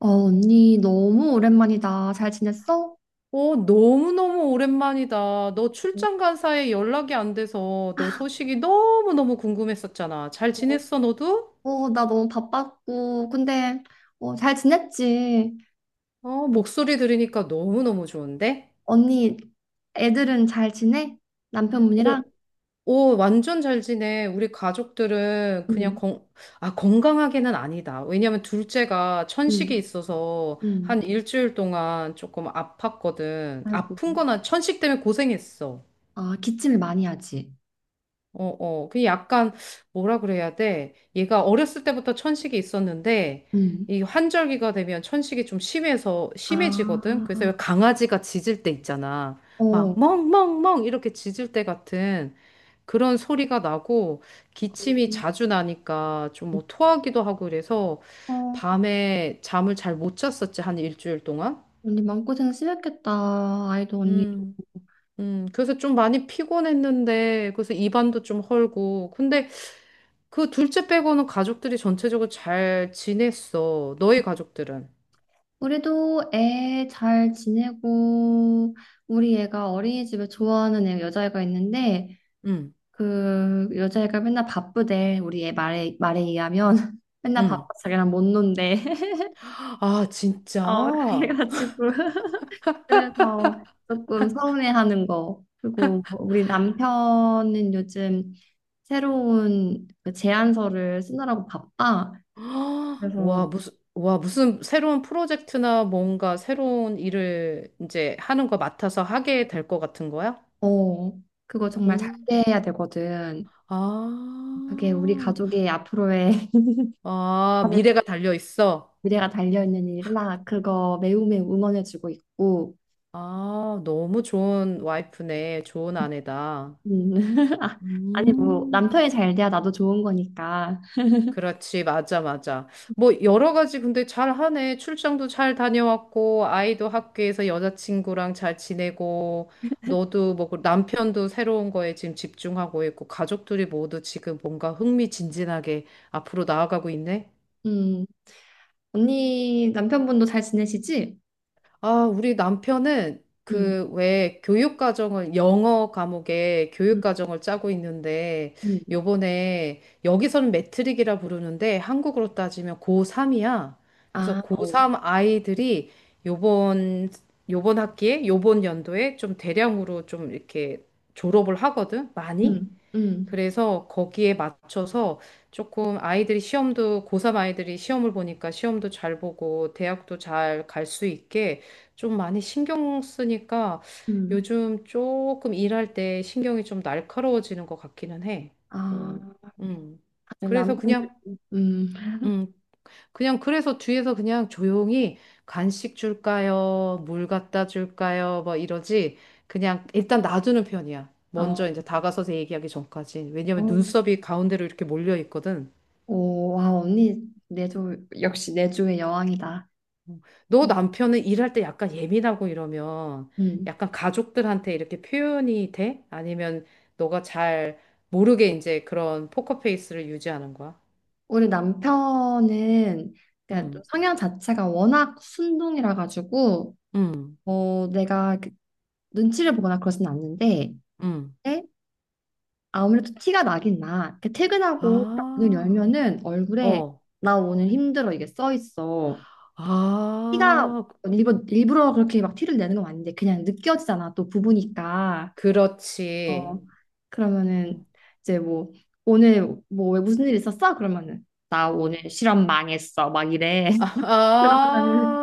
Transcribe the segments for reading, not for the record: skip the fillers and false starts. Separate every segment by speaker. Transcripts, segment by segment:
Speaker 1: 언니, 너무 오랜만이다. 잘 지냈어?
Speaker 2: 오, 너무너무 오랜만이다. 너 출장 간 사이에 연락이 안 돼서 너 소식이 너무너무 궁금했었잖아. 잘 지냈어, 너도?
Speaker 1: 어, 나 너무 바빴고. 근데, 어, 잘 지냈지?
Speaker 2: 어, 목소리 들으니까 너무너무 좋은데?
Speaker 1: 언니, 애들은 잘 지내?
Speaker 2: 어,
Speaker 1: 남편분이랑?
Speaker 2: 오, 완전 잘 지내. 우리 가족들은 그냥
Speaker 1: 응,
Speaker 2: 건강하게는 아니다. 왜냐면 둘째가 천식이
Speaker 1: 응,
Speaker 2: 있어서
Speaker 1: 응.
Speaker 2: 한 일주일 동안 조금 아팠거든.
Speaker 1: 아이고.
Speaker 2: 아픈 거나 천식 때문에 고생했어.
Speaker 1: 아, 기침을 많이 하지?
Speaker 2: 어, 어. 그 약간, 뭐라 그래야 돼? 얘가 어렸을 때부터 천식이 있었는데,
Speaker 1: 응.
Speaker 2: 이 환절기가 되면 천식이 좀 심해지거든?
Speaker 1: 아,
Speaker 2: 그래서 왜 강아지가 짖을 때 있잖아. 막,
Speaker 1: 어.
Speaker 2: 멍멍멍! 이렇게 짖을 때 같은 그런 소리가 나고, 기침이 자주 나니까 좀 뭐 토하기도 하고 그래서,
Speaker 1: 어,
Speaker 2: 밤에 잠을 잘 못 잤었지, 한 일주일 동안.
Speaker 1: 언니 마음고생 심했겠다. 아이도 언니도.
Speaker 2: 음, 그래서 좀 많이 피곤했는데, 그래서 입안도 좀 헐고. 근데 그 둘째 빼고는 가족들이 전체적으로 잘 지냈어. 너희 가족들은.
Speaker 1: 우리도 애 잘 지내고, 우리 애가 어린이집에 좋아하는 애 여자애가 있는데,
Speaker 2: 응,
Speaker 1: 그 여자애가 맨날 바쁘대. 우리 애 말에 의하면 맨날 바빠
Speaker 2: 응.
Speaker 1: 자기랑 못 논대.
Speaker 2: 아,
Speaker 1: 어
Speaker 2: 진짜?
Speaker 1: 그래가지고 그래서 조금 서운해하는 거. 그리고 뭐 우리 남편은 요즘 새로운 그 제안서를 쓰느라고 바빠.
Speaker 2: 아, 와,
Speaker 1: 그래서
Speaker 2: 무슨 새로운 프로젝트나 뭔가 새로운 일을 이제 하는 거 맡아서 하게 될 것 같은 거야?
Speaker 1: 어 그거 정말 잘
Speaker 2: 응.
Speaker 1: 돼야 되거든. 그게 우리
Speaker 2: 아,
Speaker 1: 가족의 앞으로의
Speaker 2: 아, 미래가 달려 있어.
Speaker 1: 미래가 달려 있는 일이라 그거 매우 매우 응원해주고 있고.
Speaker 2: 아, 너무 좋은 와이프네. 좋은 아내다.
Speaker 1: 음. 아, 아니 뭐
Speaker 2: 음.
Speaker 1: 남편이 잘 돼야 나도 좋은 거니까.
Speaker 2: 그렇지, 맞아, 맞아. 뭐, 여러 가지 근데 잘 하네. 출장도 잘 다녀왔고, 아이도 학교에서 여자친구랑 잘 지내고, 너도 뭐그 남편도 새로운 거에 지금 집중하고 있고, 가족들이 모두 지금 뭔가 흥미진진하게 앞으로 나아가고 있네.
Speaker 1: 음. 언니 남편분도 잘 지내시지?
Speaker 2: 아, 우리 남편은
Speaker 1: 음.
Speaker 2: 그 왜 교육과정을 영어 과목에
Speaker 1: 음.
Speaker 2: 교육과정을 짜고 있는데
Speaker 1: 음.
Speaker 2: 요번에 여기서는 매트릭이라 부르는데 한국으로 따지면 고3이야. 그래서
Speaker 1: 아, 어.
Speaker 2: 고3 아이들이 요번 요번 학기에 요번 연도에 좀 대량으로 좀 이렇게 졸업을 하거든. 많이.
Speaker 1: 음. 음.
Speaker 2: 그래서 거기에 맞춰서 조금 아이들이 시험도, 고3 아이들이 시험을 보니까 시험도 잘 보고 대학도 잘 갈 수 있게 좀 많이 신경 쓰니까
Speaker 1: 음.
Speaker 2: 요즘 조금 일할 때 신경이 좀 날카로워지는 것 같기는 해.
Speaker 1: 아,
Speaker 2: 어, 음.
Speaker 1: 다들
Speaker 2: 그래서
Speaker 1: 남편들. 음.
Speaker 2: 음, 그냥 그래서 뒤에서 그냥 조용히 간식 줄까요? 물 갖다 줄까요? 뭐 이러지. 그냥 일단 놔두는 편이야.
Speaker 1: 아,
Speaker 2: 먼저
Speaker 1: 어.
Speaker 2: 이제 다가서서 얘기하기 전까지. 왜냐면
Speaker 1: 어.
Speaker 2: 눈썹이 가운데로 이렇게 몰려 있거든.
Speaker 1: 오, 와, 언니 내조 역시 내조의 여왕이다.
Speaker 2: 너
Speaker 1: 어.
Speaker 2: 남편은 일할 때 약간 예민하고 이러면
Speaker 1: 음.
Speaker 2: 약간 가족들한테 이렇게 표현이 돼? 아니면 너가 잘 모르게 이제 그런 포커페이스를 유지하는 거야?
Speaker 1: 우리 남편은 그냥 좀
Speaker 2: 음,
Speaker 1: 성향 자체가 워낙 순둥이라 가지고
Speaker 2: 음,
Speaker 1: 어, 내가 그 눈치를 보거나 그러진 않는데
Speaker 2: 음.
Speaker 1: 네? 아무래도 티가 나긴 나. 이렇게 퇴근하고 딱 문을
Speaker 2: 아,
Speaker 1: 열면은 얼굴에
Speaker 2: 어.
Speaker 1: 나 오늘 힘들어 이게 써 있어. 티가
Speaker 2: 아,
Speaker 1: 일부러 그렇게 막 티를 내는 건 아닌데 그냥 느껴지잖아. 또 부부니까.
Speaker 2: 그렇지.
Speaker 1: 어 그러면은
Speaker 2: 어,
Speaker 1: 이제 뭐 오늘 뭐 왜 무슨 일 있었어? 그러면은 나
Speaker 2: 어.
Speaker 1: 오늘 실험 망했어 막 이래.
Speaker 2: 아,
Speaker 1: 그러면은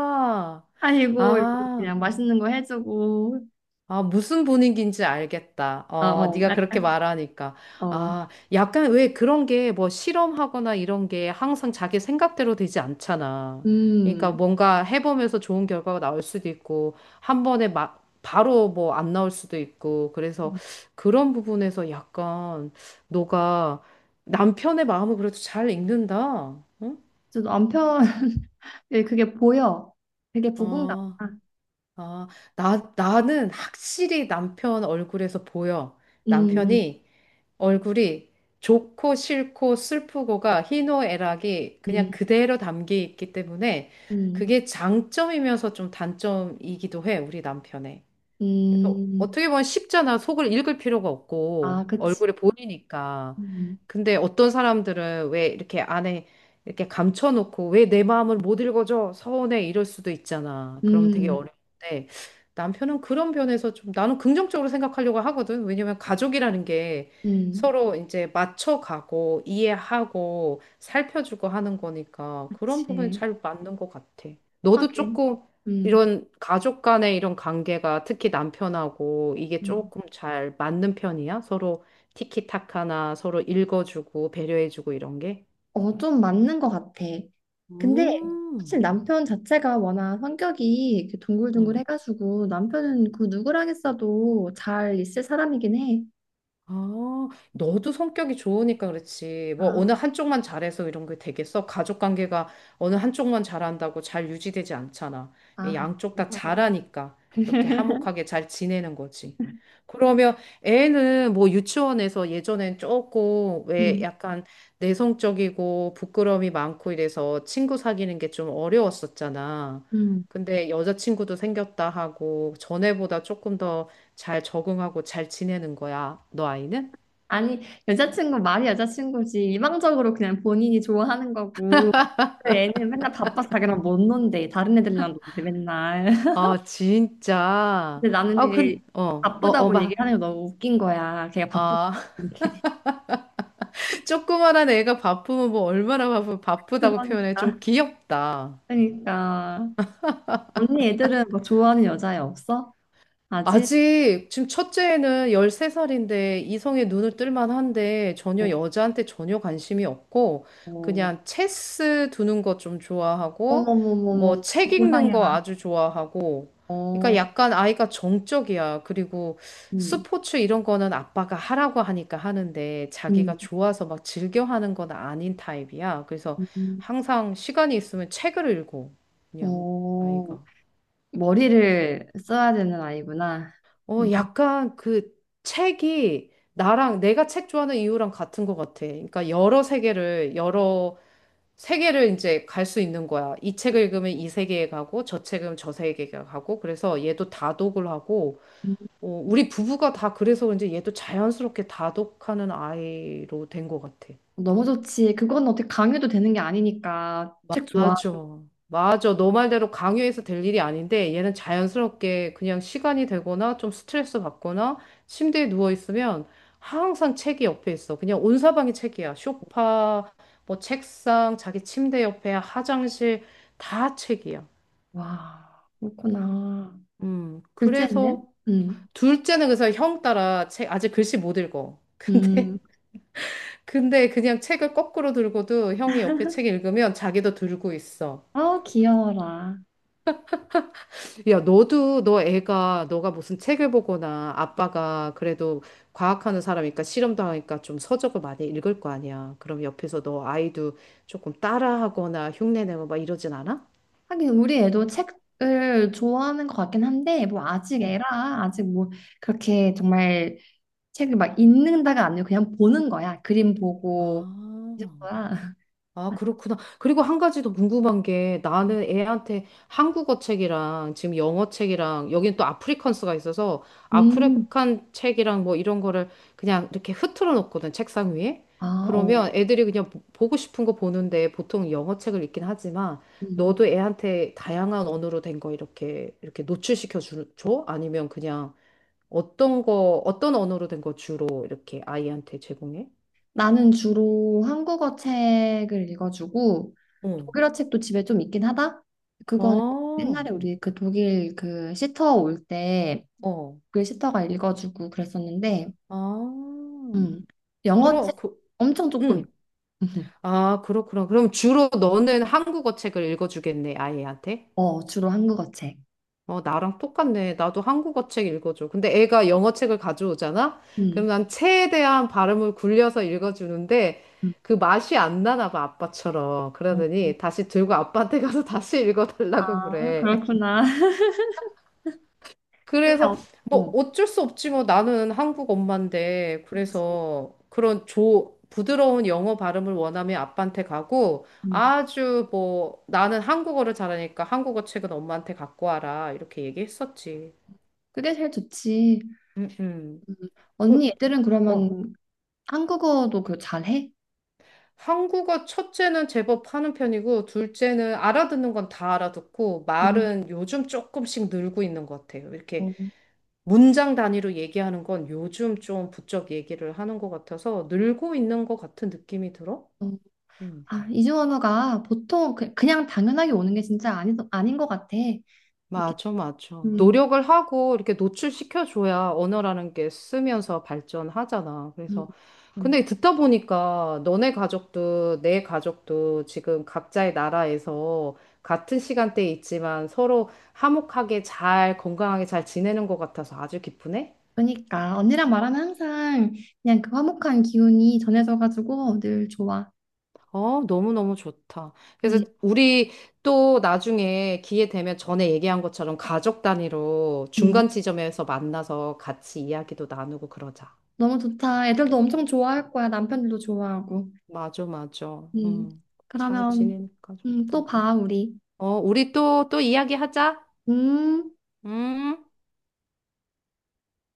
Speaker 1: 아이고 이러면서
Speaker 2: 아,
Speaker 1: 그냥 맛있는 거 해주고
Speaker 2: 아, 무슨 분위기인지 알겠다. 어,
Speaker 1: 어어
Speaker 2: 네가 그렇게
Speaker 1: 약간
Speaker 2: 말하니까.
Speaker 1: 어
Speaker 2: 아, 약간 왜 그런 게 뭐 실험하거나 이런 게 항상 자기 생각대로 되지 않잖아. 그러니까
Speaker 1: 음.
Speaker 2: 뭔가 해보면서 좋은 결과가 나올 수도 있고, 한 번에 막 바로 뭐 안 나올 수도 있고, 그래서 그런 부분에서 약간 너가 남편의 마음을 그래도 잘 읽는다. 응?
Speaker 1: 저도 남편 예, 그게 보여. 되게 부분감아.
Speaker 2: 아. 아, 나는 확실히 남편 얼굴에서 보여.
Speaker 1: 음,
Speaker 2: 남편이 얼굴이 좋고 싫고 슬프고가 희노애락이 그냥
Speaker 1: 음,
Speaker 2: 그대로 담겨 있기 때문에
Speaker 1: 음,
Speaker 2: 그게 장점이면서 좀 단점이기도 해, 우리 남편의. 그래서
Speaker 1: 음.
Speaker 2: 어떻게 보면 쉽잖아. 속을 읽을 필요가
Speaker 1: 아,
Speaker 2: 없고
Speaker 1: 그치.
Speaker 2: 얼굴에 보이니까.
Speaker 1: 음,
Speaker 2: 근데 어떤 사람들은 왜 이렇게 안에 이렇게 감춰놓고 왜 내 마음을 못 읽어줘? 서운해 이럴 수도 있잖아. 그러면 되게
Speaker 1: 음,
Speaker 2: 어려운데 남편은 그런 면에서 좀 나는 긍정적으로 생각하려고 하거든. 왜냐면 가족이라는 게
Speaker 1: 음.
Speaker 2: 서로 이제 맞춰가고 이해하고 살펴주고 하는 거니까 그런 부분이
Speaker 1: 그치.
Speaker 2: 잘 맞는 것 같아. 너도
Speaker 1: 하긴.
Speaker 2: 조금
Speaker 1: 음,
Speaker 2: 이런 가족 간의 이런 관계가 특히 남편하고 이게
Speaker 1: 음.
Speaker 2: 조금 잘 맞는 편이야? 서로 티키타카나 서로 읽어주고 배려해주고 이런 게?
Speaker 1: 어, 좀 맞는 것 같아. 근데 사실
Speaker 2: 음.
Speaker 1: 남편 자체가 워낙 성격이 이렇게 둥글둥글 해가지고 남편은 그 누구랑 했어도 잘 있을 사람이긴 해.
Speaker 2: 아, 너도 성격이 좋으니까 그렇지. 뭐
Speaker 1: 아,
Speaker 2: 어느 한쪽만 잘해서 이런 게 되겠어? 가족 관계가 어느 한쪽만 잘한다고 잘 유지되지 않잖아.
Speaker 1: 아,
Speaker 2: 양쪽 다
Speaker 1: 고마워.
Speaker 2: 잘하니까 이렇게 화목하게 잘 지내는 거지. 그러면 애는 뭐 유치원에서 예전엔 조금 왜
Speaker 1: 음,
Speaker 2: 약간 내성적이고 부끄러움이 많고 이래서 친구 사귀는 게 좀 어려웠었잖아.
Speaker 1: 음.
Speaker 2: 근데 여자친구도 생겼다 하고 전에보다 조금 더 잘 적응하고 잘 지내는 거야. 너 아이는?
Speaker 1: 아니, 여자친구 말이 여자친구지. 일방적으로 그냥 본인이 좋아하는 거고. 그 애는 맨날 바빠서 자기랑 못 논대. 다른 애들이랑 논대, 맨날.
Speaker 2: 아, 진짜.
Speaker 1: 근데 나는
Speaker 2: 아,
Speaker 1: 그게
Speaker 2: 어, 어,
Speaker 1: 바쁘다고
Speaker 2: 어마.
Speaker 1: 얘기하는 게 너무 웃긴 거야. 걔가 바쁘다.
Speaker 2: 아,
Speaker 1: 이렇게.
Speaker 2: 조그만한 애가 바쁘면 뭐 얼마나 바쁘다고 표현해.
Speaker 1: 그러니까.
Speaker 2: 좀 귀엽다.
Speaker 1: 그러니까. 언니 애들은 뭐 좋아하는 여자애 없어? 아직?
Speaker 2: 아직 지금 첫째는 13살인데 이성의 눈을 뜰만 한데 전혀
Speaker 1: 어,
Speaker 2: 여자한테 전혀 관심이 없고
Speaker 1: 어.
Speaker 2: 그냥 체스 두는 거 좀 좋아하고 뭐
Speaker 1: 어머머머머.
Speaker 2: 책 읽는 거
Speaker 1: 고상해라.
Speaker 2: 아주 좋아하고 그러니까
Speaker 1: 어,
Speaker 2: 약간 아이가 정적이야. 그리고
Speaker 1: 음,
Speaker 2: 스포츠 이런 거는 아빠가 하라고 하니까 하는데 자기가
Speaker 1: 음,
Speaker 2: 좋아서 막 즐겨 하는 건 아닌 타입이야. 그래서
Speaker 1: 음.
Speaker 2: 항상 시간이 있으면 책을 읽고 그냥
Speaker 1: 어,
Speaker 2: 아이가.
Speaker 1: 머리를 써야 되는 아이구나.
Speaker 2: 어,
Speaker 1: 음.
Speaker 2: 약간 그 책이 나랑 내가 책 좋아하는 이유랑 같은 것 같아. 그러니까 여러 세계를 이제 갈 수 있는 거야. 이 책을 읽으면 이 세계에 가고 저 책은 저 세계에 가고 그래서 얘도 다독을 하고
Speaker 1: 음.
Speaker 2: 어, 우리 부부가 다 그래서 이제 얘도 자연스럽게 다독하는 아이로 된 것 같아.
Speaker 1: 너무 좋지. 그건 어떻게 강요도 되는 게 아니니까. 책 좋아.
Speaker 2: 맞아. 맞아. 너 말대로 강요해서 될 일이 아닌데 얘는 자연스럽게 그냥 시간이 되거나 좀 스트레스 받거나 침대에 누워 있으면 항상 책이 옆에 있어. 그냥 온 사방이 책이야. 소파, 뭐 책상, 자기 침대 옆에 화장실 다 책이야.
Speaker 1: 와, 그렇구나.
Speaker 2: 음. 그래서
Speaker 1: 둘째는?
Speaker 2: 둘째는 그래서 형 따라 책 아직 글씨 못 읽어. 근데
Speaker 1: 음,
Speaker 2: 근데 그냥 책을 거꾸로 들고도 형이 옆에 책 읽으면 자기도 들고 있어.
Speaker 1: 어, 귀여워라.
Speaker 2: 야, 너가 무슨 책을 보거나 아빠가 그래도 과학하는 사람이니까 실험도 하니까 좀 서적을 많이 읽을 거 아니야. 그럼 옆에서 너 아이도 조금 따라하거나 흉내내고 막 이러진 않아?
Speaker 1: 하긴 우리 애도 책을 좋아하는 것 같긴 한데, 뭐 아직
Speaker 2: 응.
Speaker 1: 애라, 아직 뭐 그렇게 정말 책을 막 읽는다가 아니고 그냥 보는 거야. 그림 보고 이
Speaker 2: 아.
Speaker 1: 정도야.
Speaker 2: 아, 그렇구나. 그리고 한 가지 더 궁금한 게 나는 애한테 한국어 책이랑 지금 영어 책이랑 여긴 또 아프리칸스가 있어서
Speaker 1: 음,
Speaker 2: 아프리칸 책이랑 뭐 이런 거를 그냥 이렇게 흐트러 놓거든, 책상 위에.
Speaker 1: 아, 어.
Speaker 2: 그러면 애들이 그냥 보고 싶은 거 보는데 보통 영어 책을 읽긴 하지만
Speaker 1: 음.
Speaker 2: 너도 애한테 다양한 언어로 된거 이렇게 노출시켜 줘? 아니면 그냥 어떤 언어로 된거 주로 이렇게 아이한테 제공해?
Speaker 1: 나는 주로 한국어 책을 읽어주고
Speaker 2: 응.
Speaker 1: 독일어 책도 집에 좀 있긴 하다. 그거는
Speaker 2: 아.
Speaker 1: 옛날에 우리 그 독일 그 시터 올 때
Speaker 2: 어.
Speaker 1: 그 시터가 읽어주고 그랬었는데,
Speaker 2: 아,
Speaker 1: 음, 영어 책
Speaker 2: 그러, 그,
Speaker 1: 엄청 조금 읽-
Speaker 2: 응. 아, 그렇구나. 그럼 주로 너는 한국어 책을 읽어주겠네, 아이한테?
Speaker 1: 어 주로 한국어 책.
Speaker 2: 어, 나랑 똑같네. 나도 한국어 책 읽어줘. 근데 애가 영어 책을 가져오잖아? 그럼
Speaker 1: 음,
Speaker 2: 난 체에 대한 발음을 굴려서 읽어주는데
Speaker 1: 음.
Speaker 2: 그 맛이 안 나나 봐, 아빠처럼.
Speaker 1: 어,
Speaker 2: 그러더니 다시 들고 아빠한테 가서 다시 읽어달라고
Speaker 1: 아,
Speaker 2: 그래.
Speaker 1: 그렇구나. 근데
Speaker 2: 그래서
Speaker 1: 어,
Speaker 2: 뭐
Speaker 1: 어,
Speaker 2: 어쩔 수 없지 뭐 나는 한국 엄마인데
Speaker 1: 그치.
Speaker 2: 그래서 그런 조 부드러운 영어 발음을 원하면 아빠한테 가고
Speaker 1: 음,
Speaker 2: 아주 뭐 나는 한국어를 잘하니까 한국어 책은 엄마한테 갖고 와라 이렇게 얘기했었지.
Speaker 1: 그게 제일 좋지.
Speaker 2: 음, 음.
Speaker 1: 음. 언니
Speaker 2: 뭐,
Speaker 1: 애들은
Speaker 2: 어.
Speaker 1: 그러면 한국어도 그 잘해?
Speaker 2: 한국어 첫째는 제법 하는 편이고 둘째는 알아듣는 건 다 알아듣고
Speaker 1: 음.
Speaker 2: 말은 요즘 조금씩 늘고 있는 것 같아요.
Speaker 1: 어,
Speaker 2: 이렇게 문장 단위로 얘기하는 건 요즘 좀 부쩍 얘기를 하는 것 같아서 늘고 있는 것 같은 느낌이 들어?
Speaker 1: 어.
Speaker 2: 음,
Speaker 1: 아, 이중 언어가 보통 그냥 당연하게 오는 게 진짜 아니, 아닌 것 같아. 이게,
Speaker 2: 맞아, 맞아.
Speaker 1: 음,
Speaker 2: 노력을 하고 이렇게 노출시켜줘야 언어라는 게 쓰면서 발전하잖아.
Speaker 1: 음,
Speaker 2: 그래서,
Speaker 1: 음.
Speaker 2: 근데 듣다 보니까 너네 가족도 내 가족도 지금 각자의 나라에서 같은 시간대에 있지만 서로 화목하게 잘, 건강하게 잘 지내는 것 같아서 아주 기쁘네?
Speaker 1: 그러니까 언니랑 말하면 항상 그냥 그 화목한 기운이 전해져가지고 늘 좋아.
Speaker 2: 어, 너무너무 좋다.
Speaker 1: 음,
Speaker 2: 그래서 우리 또 나중에 기회 되면 전에 얘기한 것처럼 가족 단위로
Speaker 1: 음.
Speaker 2: 중간 지점에서 만나서 같이 이야기도 나누고 그러자.
Speaker 1: 너무 좋다. 애들도 엄청 좋아할 거야. 남편들도 좋아하고.
Speaker 2: 맞아, 맞아.
Speaker 1: 음,
Speaker 2: 잘
Speaker 1: 그러면
Speaker 2: 지내니까
Speaker 1: 또
Speaker 2: 좋다.
Speaker 1: 봐, 우리.
Speaker 2: 어, 우리 또 이야기하자.
Speaker 1: 음.
Speaker 2: 음.